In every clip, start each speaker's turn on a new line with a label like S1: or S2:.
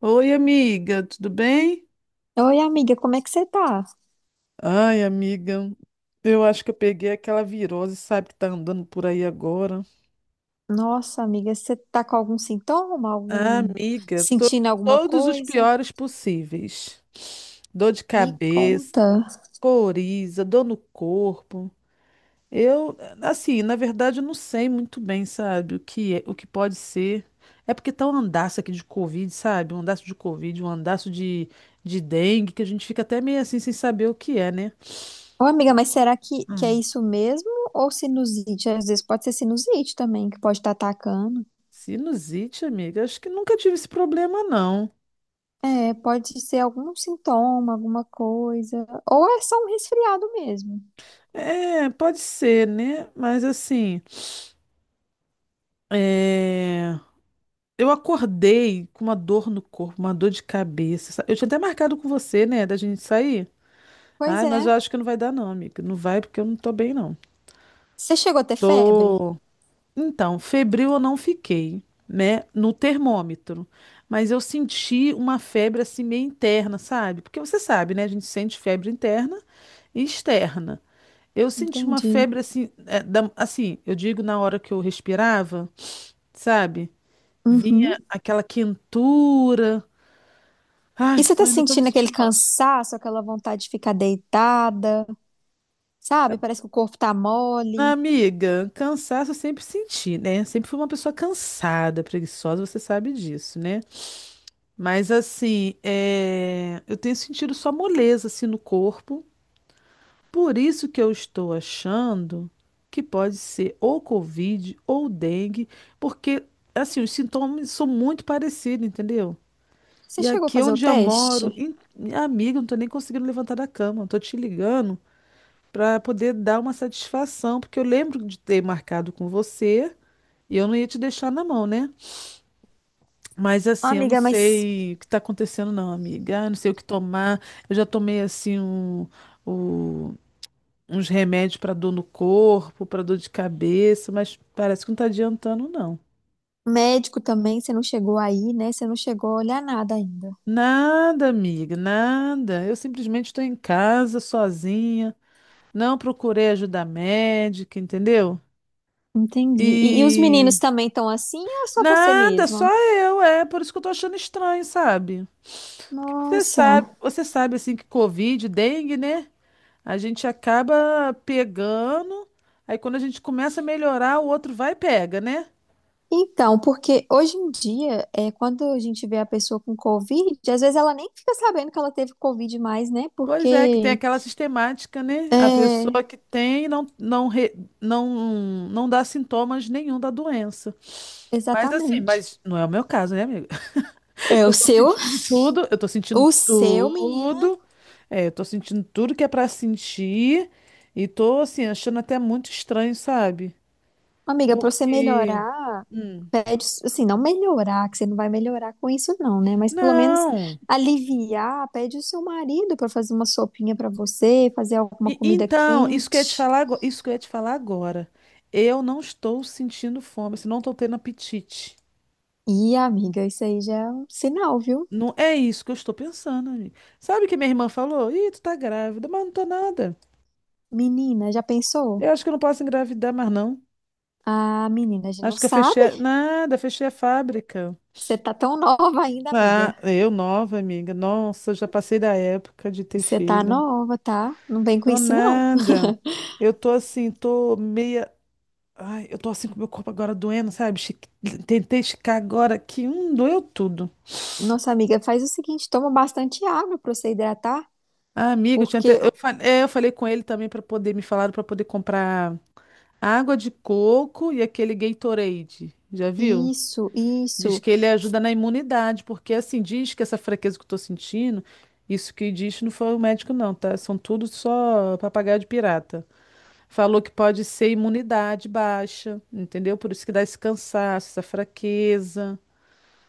S1: Oi, amiga, tudo bem?
S2: Oi, amiga, como é que você tá?
S1: Ai, amiga, eu acho que eu peguei aquela virose, sabe, que tá andando por aí agora.
S2: Nossa, amiga, você tá com algum sintoma?
S1: Ah,
S2: Algum...
S1: amiga,
S2: sentindo alguma
S1: todos os
S2: coisa?
S1: piores possíveis. Dor de
S2: Me
S1: cabeça,
S2: conta.
S1: coriza, dor no corpo. Eu, assim, na verdade, eu não sei muito bem, sabe, o que é, o que pode ser. É porque tá um andaço aqui de Covid, sabe? Um andaço de Covid, um andaço de dengue, que a gente fica até meio assim sem saber o que é, né?
S2: Ô, amiga, mas será que é isso mesmo? Ou sinusite? Às vezes pode ser sinusite também, que pode estar atacando.
S1: Sinusite, amiga, acho que nunca tive esse problema, não.
S2: É, pode ser algum sintoma, alguma coisa. Ou é só um resfriado mesmo.
S1: É, pode ser, né? Mas assim, é, eu acordei com uma dor no corpo, uma dor de cabeça. Eu tinha até marcado com você, né, da gente sair.
S2: Pois
S1: Ai, mas
S2: é.
S1: eu acho que não vai dar, não, amiga. Não vai porque eu não tô bem, não.
S2: Você chegou a ter febre?
S1: Tô. Então, febril eu não fiquei, né, no termômetro. Mas eu senti uma febre assim meio interna, sabe? Porque você sabe, né? A gente sente febre interna e externa. Eu senti uma
S2: Entendi.
S1: febre assim, é, assim, eu digo na hora que eu respirava, sabe?
S2: Uhum.
S1: Vinha aquela quentura.
S2: E
S1: Ai,
S2: você tá
S1: ainda tô me
S2: sentindo aquele
S1: sentindo mal.
S2: cansaço, aquela vontade de ficar deitada? Sabe? Parece que o corpo tá mole.
S1: Amiga, cansaço eu sempre senti, né? Sempre fui uma pessoa cansada, preguiçosa, você sabe disso, né? Mas assim, é, eu tenho sentido só moleza assim no corpo. Por isso que eu estou achando que pode ser ou Covid ou dengue, porque assim, os sintomas são muito parecidos, entendeu?
S2: Você
S1: E
S2: chegou a
S1: aqui é
S2: fazer o
S1: onde eu
S2: teste?
S1: moro, amiga, eu não tô nem conseguindo levantar da cama. Eu tô te ligando pra poder dar uma satisfação, porque eu lembro de ter marcado com você e eu não ia te deixar na mão, né? Mas
S2: Ah,
S1: assim, eu não
S2: amiga, mas
S1: sei o que tá acontecendo, não, amiga. Eu não sei o que tomar. Eu já tomei assim um, o- uns remédios pra dor no corpo, pra dor de cabeça, mas parece que não tá adiantando, não.
S2: médico também, você não chegou aí, né? Você não chegou a olhar nada ainda.
S1: Nada, amiga, nada. Eu simplesmente estou em casa, sozinha. Não procurei ajuda médica, entendeu?
S2: Entendi. E os
S1: E
S2: meninos também estão assim ou é só você
S1: nada, só
S2: mesma?
S1: eu, é por isso que eu tô achando estranho, sabe? Você
S2: Nossa.
S1: sabe, você sabe assim que Covid, dengue, né? A gente acaba pegando, aí quando a gente começa a melhorar, o outro vai e pega, né?
S2: Então, porque hoje em dia, é, quando a gente vê a pessoa com Covid, às vezes ela nem fica sabendo que ela teve Covid mais, né?
S1: Pois é, que tem
S2: Porque.
S1: aquela sistemática, né? A
S2: É,
S1: pessoa que tem não, não, não dá sintomas nenhum da doença. Mas assim,
S2: exatamente.
S1: mas não é o meu caso, né, amiga?
S2: É,
S1: Eu tô sentindo tudo, eu tô sentindo
S2: o seu, menina,
S1: tudo. É, eu tô sentindo tudo que é pra sentir. E tô, assim, achando até muito estranho, sabe?
S2: amiga, pra você
S1: Porque.
S2: melhorar.
S1: Hum,
S2: Pede, assim, não melhorar, que você não vai melhorar com isso, não, né? Mas pelo menos
S1: não!
S2: aliviar, pede o seu marido para fazer uma sopinha para você, fazer alguma comida
S1: Então, isso que eu ia te
S2: quente.
S1: falar, isso que eu ia te falar agora. Eu não estou sentindo fome, assim, não estou tendo apetite.
S2: E, amiga, isso aí já é um sinal, viu?
S1: Não é isso que eu estou pensando, amiga. Sabe o que minha irmã falou? Ih, tu tá grávida, mas não tô nada.
S2: Menina, já pensou?
S1: Eu acho que eu não posso engravidar mais, não.
S2: Ah, menina, a gente não
S1: Acho que eu fechei.
S2: sabe.
S1: Nada, fechei a fábrica.
S2: Você tá tão nova ainda, amiga.
S1: Ah, eu nova, amiga. Nossa, já passei da época de ter
S2: Você tá
S1: filho.
S2: nova, tá? Não vem com
S1: Tô
S2: isso, não.
S1: nada. Eu tô assim, tô meia. Ai, eu tô assim com o meu corpo agora doendo, sabe? Tentei esticar agora que um doeu tudo.
S2: Nossa, amiga, faz o seguinte, toma bastante água para você hidratar,
S1: Ah, amiga, eu tinha até...
S2: porque
S1: eu, eu falei com ele também para poder me falar para poder comprar água de coco e aquele Gatorade. Já viu?
S2: isso,
S1: Diz
S2: isso.
S1: que ele ajuda na imunidade, porque assim, diz que essa fraqueza que eu tô sentindo, isso que diz não foi o médico, não, tá? São tudo só papagaio de pirata. Falou que pode ser imunidade baixa, entendeu? Por isso que dá esse cansaço, essa fraqueza.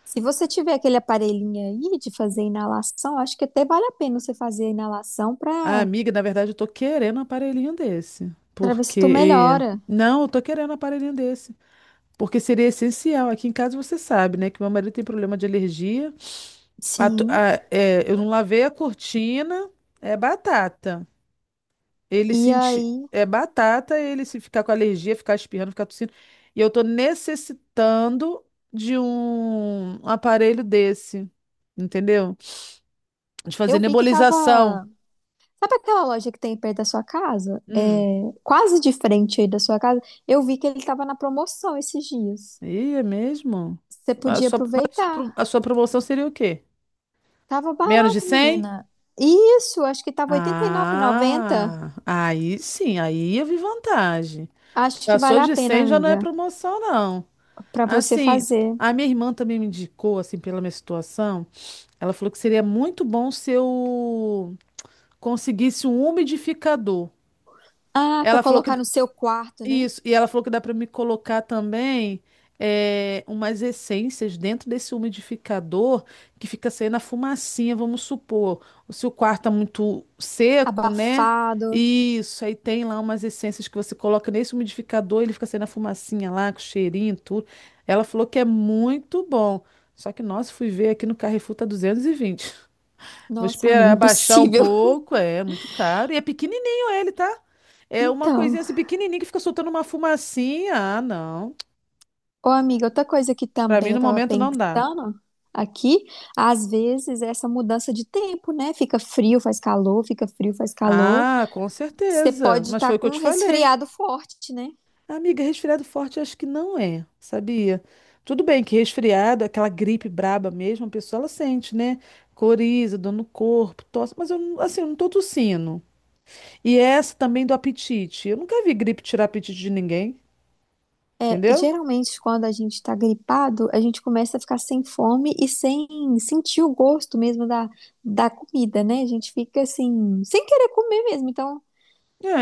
S2: Se você tiver aquele aparelhinho aí de fazer inalação, acho que até vale a pena você fazer a inalação
S1: Ah,
S2: para
S1: amiga, na verdade, eu tô querendo um aparelhinho desse.
S2: para ver se tu
S1: Porque.
S2: melhora.
S1: Não, eu tô querendo um aparelhinho desse. Porque seria essencial. Aqui em casa você sabe, né? Que meu marido tem problema de alergia. A to-
S2: Sim.
S1: a- é, eu não lavei a cortina, é batata. Ele
S2: E
S1: sentir.
S2: aí,
S1: É batata, ele se ficar com alergia, ficar espirrando, ficar tossindo. E eu tô necessitando de um aparelho desse. Entendeu? De fazer
S2: eu vi que
S1: nebulização.
S2: tava. Sabe aquela loja que tem perto da sua casa?
S1: Hum.
S2: É, quase de frente aí da sua casa. Eu vi que ele tava na promoção esses dias.
S1: Ih, é mesmo?
S2: Você
S1: A
S2: podia
S1: sua, mas a
S2: aproveitar.
S1: a sua promoção seria o quê?
S2: Tava
S1: Menos de
S2: barato,
S1: 100.
S2: menina. Isso, acho que tava R$ 89,90.
S1: Ah, aí sim, aí eu vi vantagem.
S2: Acho que
S1: Passou
S2: vale a
S1: de
S2: pena,
S1: 100 já não é
S2: amiga,
S1: promoção, não.
S2: para você
S1: Assim,
S2: fazer.
S1: a minha irmã também me indicou, assim, pela minha situação. Ela falou que seria muito bom se eu conseguisse um umidificador.
S2: Ah, para
S1: Ela falou que
S2: colocar no seu quarto, né?
S1: isso, e ela falou que dá para me colocar também é, umas essências dentro desse umidificador que fica saindo a fumacinha, vamos supor. Se o quarto tá muito seco, né?
S2: Abafado.
S1: Isso, aí tem lá umas essências que você coloca nesse umidificador, ele fica saindo a fumacinha lá, com cheirinho e tudo. Ela falou que é muito bom. Só que, nossa, fui ver aqui no Carrefour tá 220. Vou
S2: Nossa, amiga,
S1: esperar baixar um
S2: impossível.
S1: pouco, é muito caro. E é pequenininho ele, tá? É uma
S2: Então,
S1: coisinha assim pequenininha que fica soltando uma fumacinha. Ah, não.
S2: ô amiga, outra coisa que
S1: Pra mim,
S2: também eu
S1: no
S2: tava
S1: momento, não dá.
S2: pensando aqui, às vezes é essa mudança de tempo, né? Fica frio, faz calor, fica frio, faz calor.
S1: Ah, com
S2: Você
S1: certeza.
S2: pode
S1: Mas
S2: estar
S1: foi o que
S2: com
S1: eu
S2: um
S1: te falei.
S2: resfriado forte, né?
S1: Amiga, resfriado forte acho que não é, sabia? Tudo bem que resfriado, aquela gripe braba mesmo, a pessoa ela sente, né? Coriza, dor no corpo, tosse, mas eu, assim, eu não tô tossindo. E essa também do apetite. Eu nunca vi gripe tirar apetite de ninguém,
S2: É,
S1: entendeu?
S2: geralmente, quando a gente tá gripado, a gente começa a ficar sem fome e sem sentir o gosto mesmo da comida, né? A gente fica assim, sem querer comer mesmo. Então,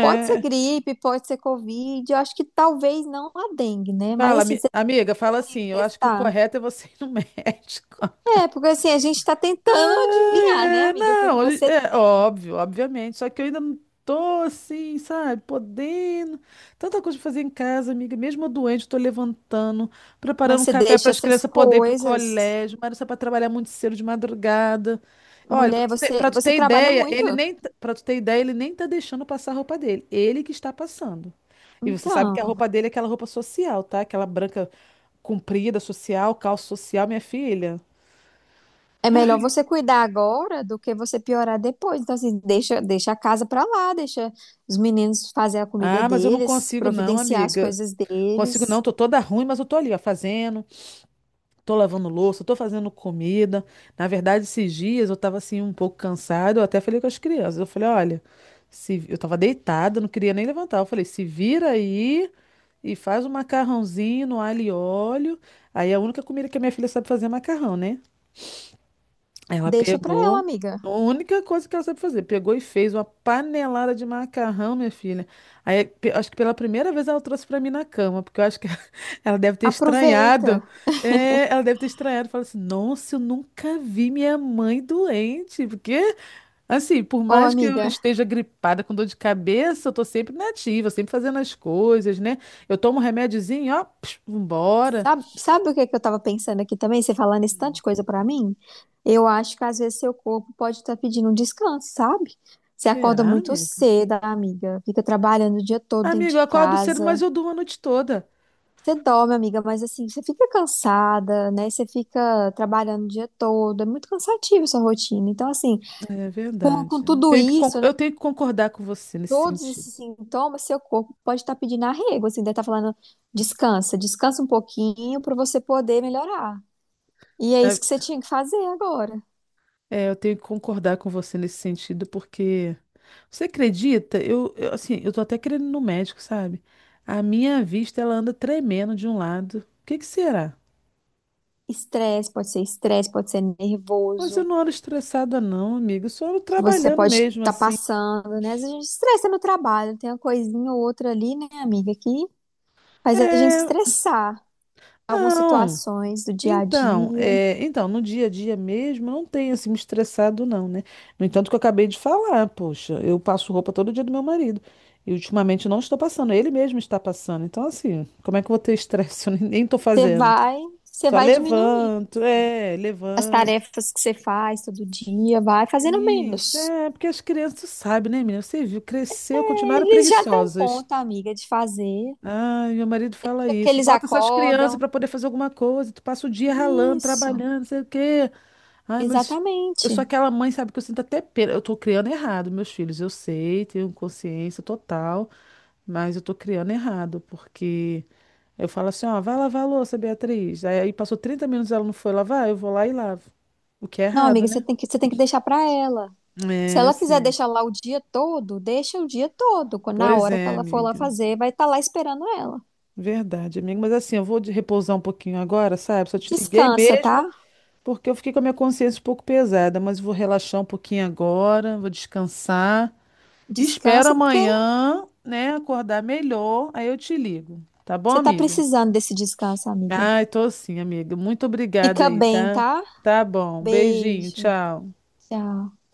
S2: pode ser gripe, pode ser Covid, eu acho que talvez não a dengue, né? Mas
S1: fala,
S2: assim, você
S1: amiga, fala
S2: tem
S1: assim.
S2: que
S1: Eu acho que o
S2: testar.
S1: correto é você ir no médico.
S2: É, porque assim, a gente tá tentando
S1: Ai,
S2: adivinhar, né,
S1: é,
S2: amiga, o que que
S1: não,
S2: você.
S1: é óbvio, obviamente. Só que eu ainda não tô assim, sabe, podendo. Tanta coisa pra fazer em casa, amiga. Mesmo eu doente, eu tô levantando, preparando
S2: Mas
S1: um
S2: você
S1: café para
S2: deixa
S1: as
S2: essas
S1: crianças poderem ir pro
S2: coisas.
S1: colégio. Mas isso é para trabalhar muito cedo de madrugada. Olha,
S2: Mulher, você,
S1: pra tu
S2: você
S1: ter
S2: trabalha
S1: ideia,
S2: muito.
S1: ele nem, para tu ter ideia, ele nem tá deixando passar a roupa dele. Ele que está passando. E você sabe que a
S2: Então,
S1: roupa dele é aquela roupa social, tá? Aquela branca comprida, social, calça social, minha filha.
S2: é melhor você cuidar agora do que você piorar depois. Então, assim, deixa a casa pra lá, deixa os meninos fazer a comida
S1: Ah, mas eu não
S2: deles,
S1: consigo não,
S2: providenciar as
S1: amiga.
S2: coisas
S1: Consigo não,
S2: deles.
S1: tô toda ruim, mas eu tô ali, ó, fazendo, tô lavando louça, tô fazendo comida. Na verdade, esses dias eu tava assim um pouco cansada, eu até falei com as crianças. Eu falei, olha, se... eu tava deitada, não queria nem levantar. Eu falei, se vira aí e faz um macarrãozinho no alho e óleo. Aí a única comida que a minha filha sabe fazer é macarrão, né? Ela
S2: Deixa pra ela,
S1: pegou.
S2: amiga.
S1: A única coisa que ela sabe fazer, pegou e fez uma panelada de macarrão, minha filha. Aí, acho que pela primeira vez ela trouxe pra mim na cama, porque eu acho que ela deve ter
S2: Aproveita.
S1: estranhado. É, ela deve ter estranhado. Falou assim: Nossa, eu nunca vi minha mãe doente. Porque, assim, por
S2: Ô,
S1: mais que eu
S2: amiga.
S1: esteja gripada com dor de cabeça, eu tô sempre nativa, sempre fazendo as coisas, né? Eu tomo um remédiozinho, ó, psh, vambora.
S2: Sabe o que é que eu tava pensando aqui também? Você falando esse tanto de coisa pra mim? Eu acho que às vezes seu corpo pode estar pedindo um descanso, sabe? Você acorda
S1: Será,
S2: muito
S1: amiga?
S2: cedo, amiga, fica trabalhando o dia todo dentro
S1: Amiga,
S2: de
S1: eu acordo cedo, mas
S2: casa.
S1: eu durmo a noite toda.
S2: Você dorme, amiga, mas assim, você fica cansada, né? Você fica trabalhando o dia todo, é muito cansativo sua rotina. Então, assim,
S1: É
S2: com
S1: verdade.
S2: tudo
S1: Tenho que
S2: isso, né?
S1: eu tenho que concordar com você nesse
S2: Todos
S1: sentido.
S2: esses sintomas, seu corpo pode estar pedindo arrego, assim, deve estar falando, descansa, descansa um pouquinho pra você poder melhorar. E é
S1: Né?
S2: isso que você tinha que fazer agora.
S1: É, eu tenho que concordar com você nesse sentido, porque você acredita? Assim, eu tô até querendo ir no médico, sabe? A minha vista, ela anda tremendo de um lado. O que que será?
S2: Estresse, pode ser
S1: Mas eu
S2: nervoso,
S1: não ando estressada, não, amiga. Eu só ando
S2: que você
S1: trabalhando
S2: pode
S1: mesmo,
S2: estar
S1: assim.
S2: passando, né? Às vezes a gente estressa no trabalho, tem uma coisinha ou outra ali, né, amiga, que faz a gente
S1: É,
S2: estressar algumas
S1: não.
S2: situações do dia a
S1: Então,
S2: dia.
S1: é, então, no dia a dia mesmo, eu não tenho assim me estressado, não, né? No entanto, que eu acabei de falar, poxa, eu passo roupa todo dia do meu marido. E ultimamente eu não estou passando, ele mesmo está passando. Então, assim, como é que eu vou ter estresse? Eu nem estou
S2: Você
S1: fazendo.
S2: vai, você
S1: Só
S2: vai diminuindo,
S1: levanto,
S2: assim,
S1: é,
S2: as
S1: levanto.
S2: tarefas que você faz todo dia, vai fazendo
S1: Isso,
S2: menos.
S1: é, porque as crianças sabem, né, menina? Você viu, cresceu, continuaram
S2: Eles já dão
S1: preguiçosas.
S2: conta, amiga, de fazer,
S1: Ai, meu marido fala
S2: é que
S1: isso.
S2: eles
S1: Bota essas crianças
S2: acordam.
S1: para poder fazer alguma coisa. Tu passa o dia ralando,
S2: Isso,
S1: trabalhando, não sei o quê. Ai, mas eu sou
S2: exatamente.
S1: aquela mãe, sabe, que eu sinto até pena. Eu tô criando errado, meus filhos. Eu sei, tenho consciência total, mas eu tô criando errado, porque eu falo assim, ó, vai lavar a louça, Beatriz. Aí passou 30 minutos, ela não foi lavar, eu vou lá e lavo. O que é
S2: Não,
S1: errado,
S2: amiga, você
S1: né?
S2: tem que, você tem que deixar para ela. Se
S1: É, eu
S2: ela quiser
S1: sei.
S2: deixar lá o dia todo, deixa o dia todo. Quando- na
S1: Pois
S2: hora que
S1: é,
S2: ela for lá
S1: amiga.
S2: fazer, vai estar lá esperando ela.
S1: Verdade, amiga. Mas assim, eu vou de repousar um pouquinho agora, sabe? Só te liguei
S2: Descansa, tá?
S1: mesmo porque eu fiquei com a minha consciência um pouco pesada, mas vou relaxar um pouquinho agora, vou descansar. Espero
S2: Descansa porque
S1: amanhã, né, acordar melhor, aí eu te ligo. Tá bom,
S2: você tá
S1: amiga?
S2: precisando desse descanso, amiga.
S1: Ai, tô sim, amiga. Muito obrigada
S2: Fica
S1: aí,
S2: bem,
S1: tá?
S2: tá?
S1: Tá bom. Beijinho,
S2: Beijo.
S1: tchau.
S2: Tchau.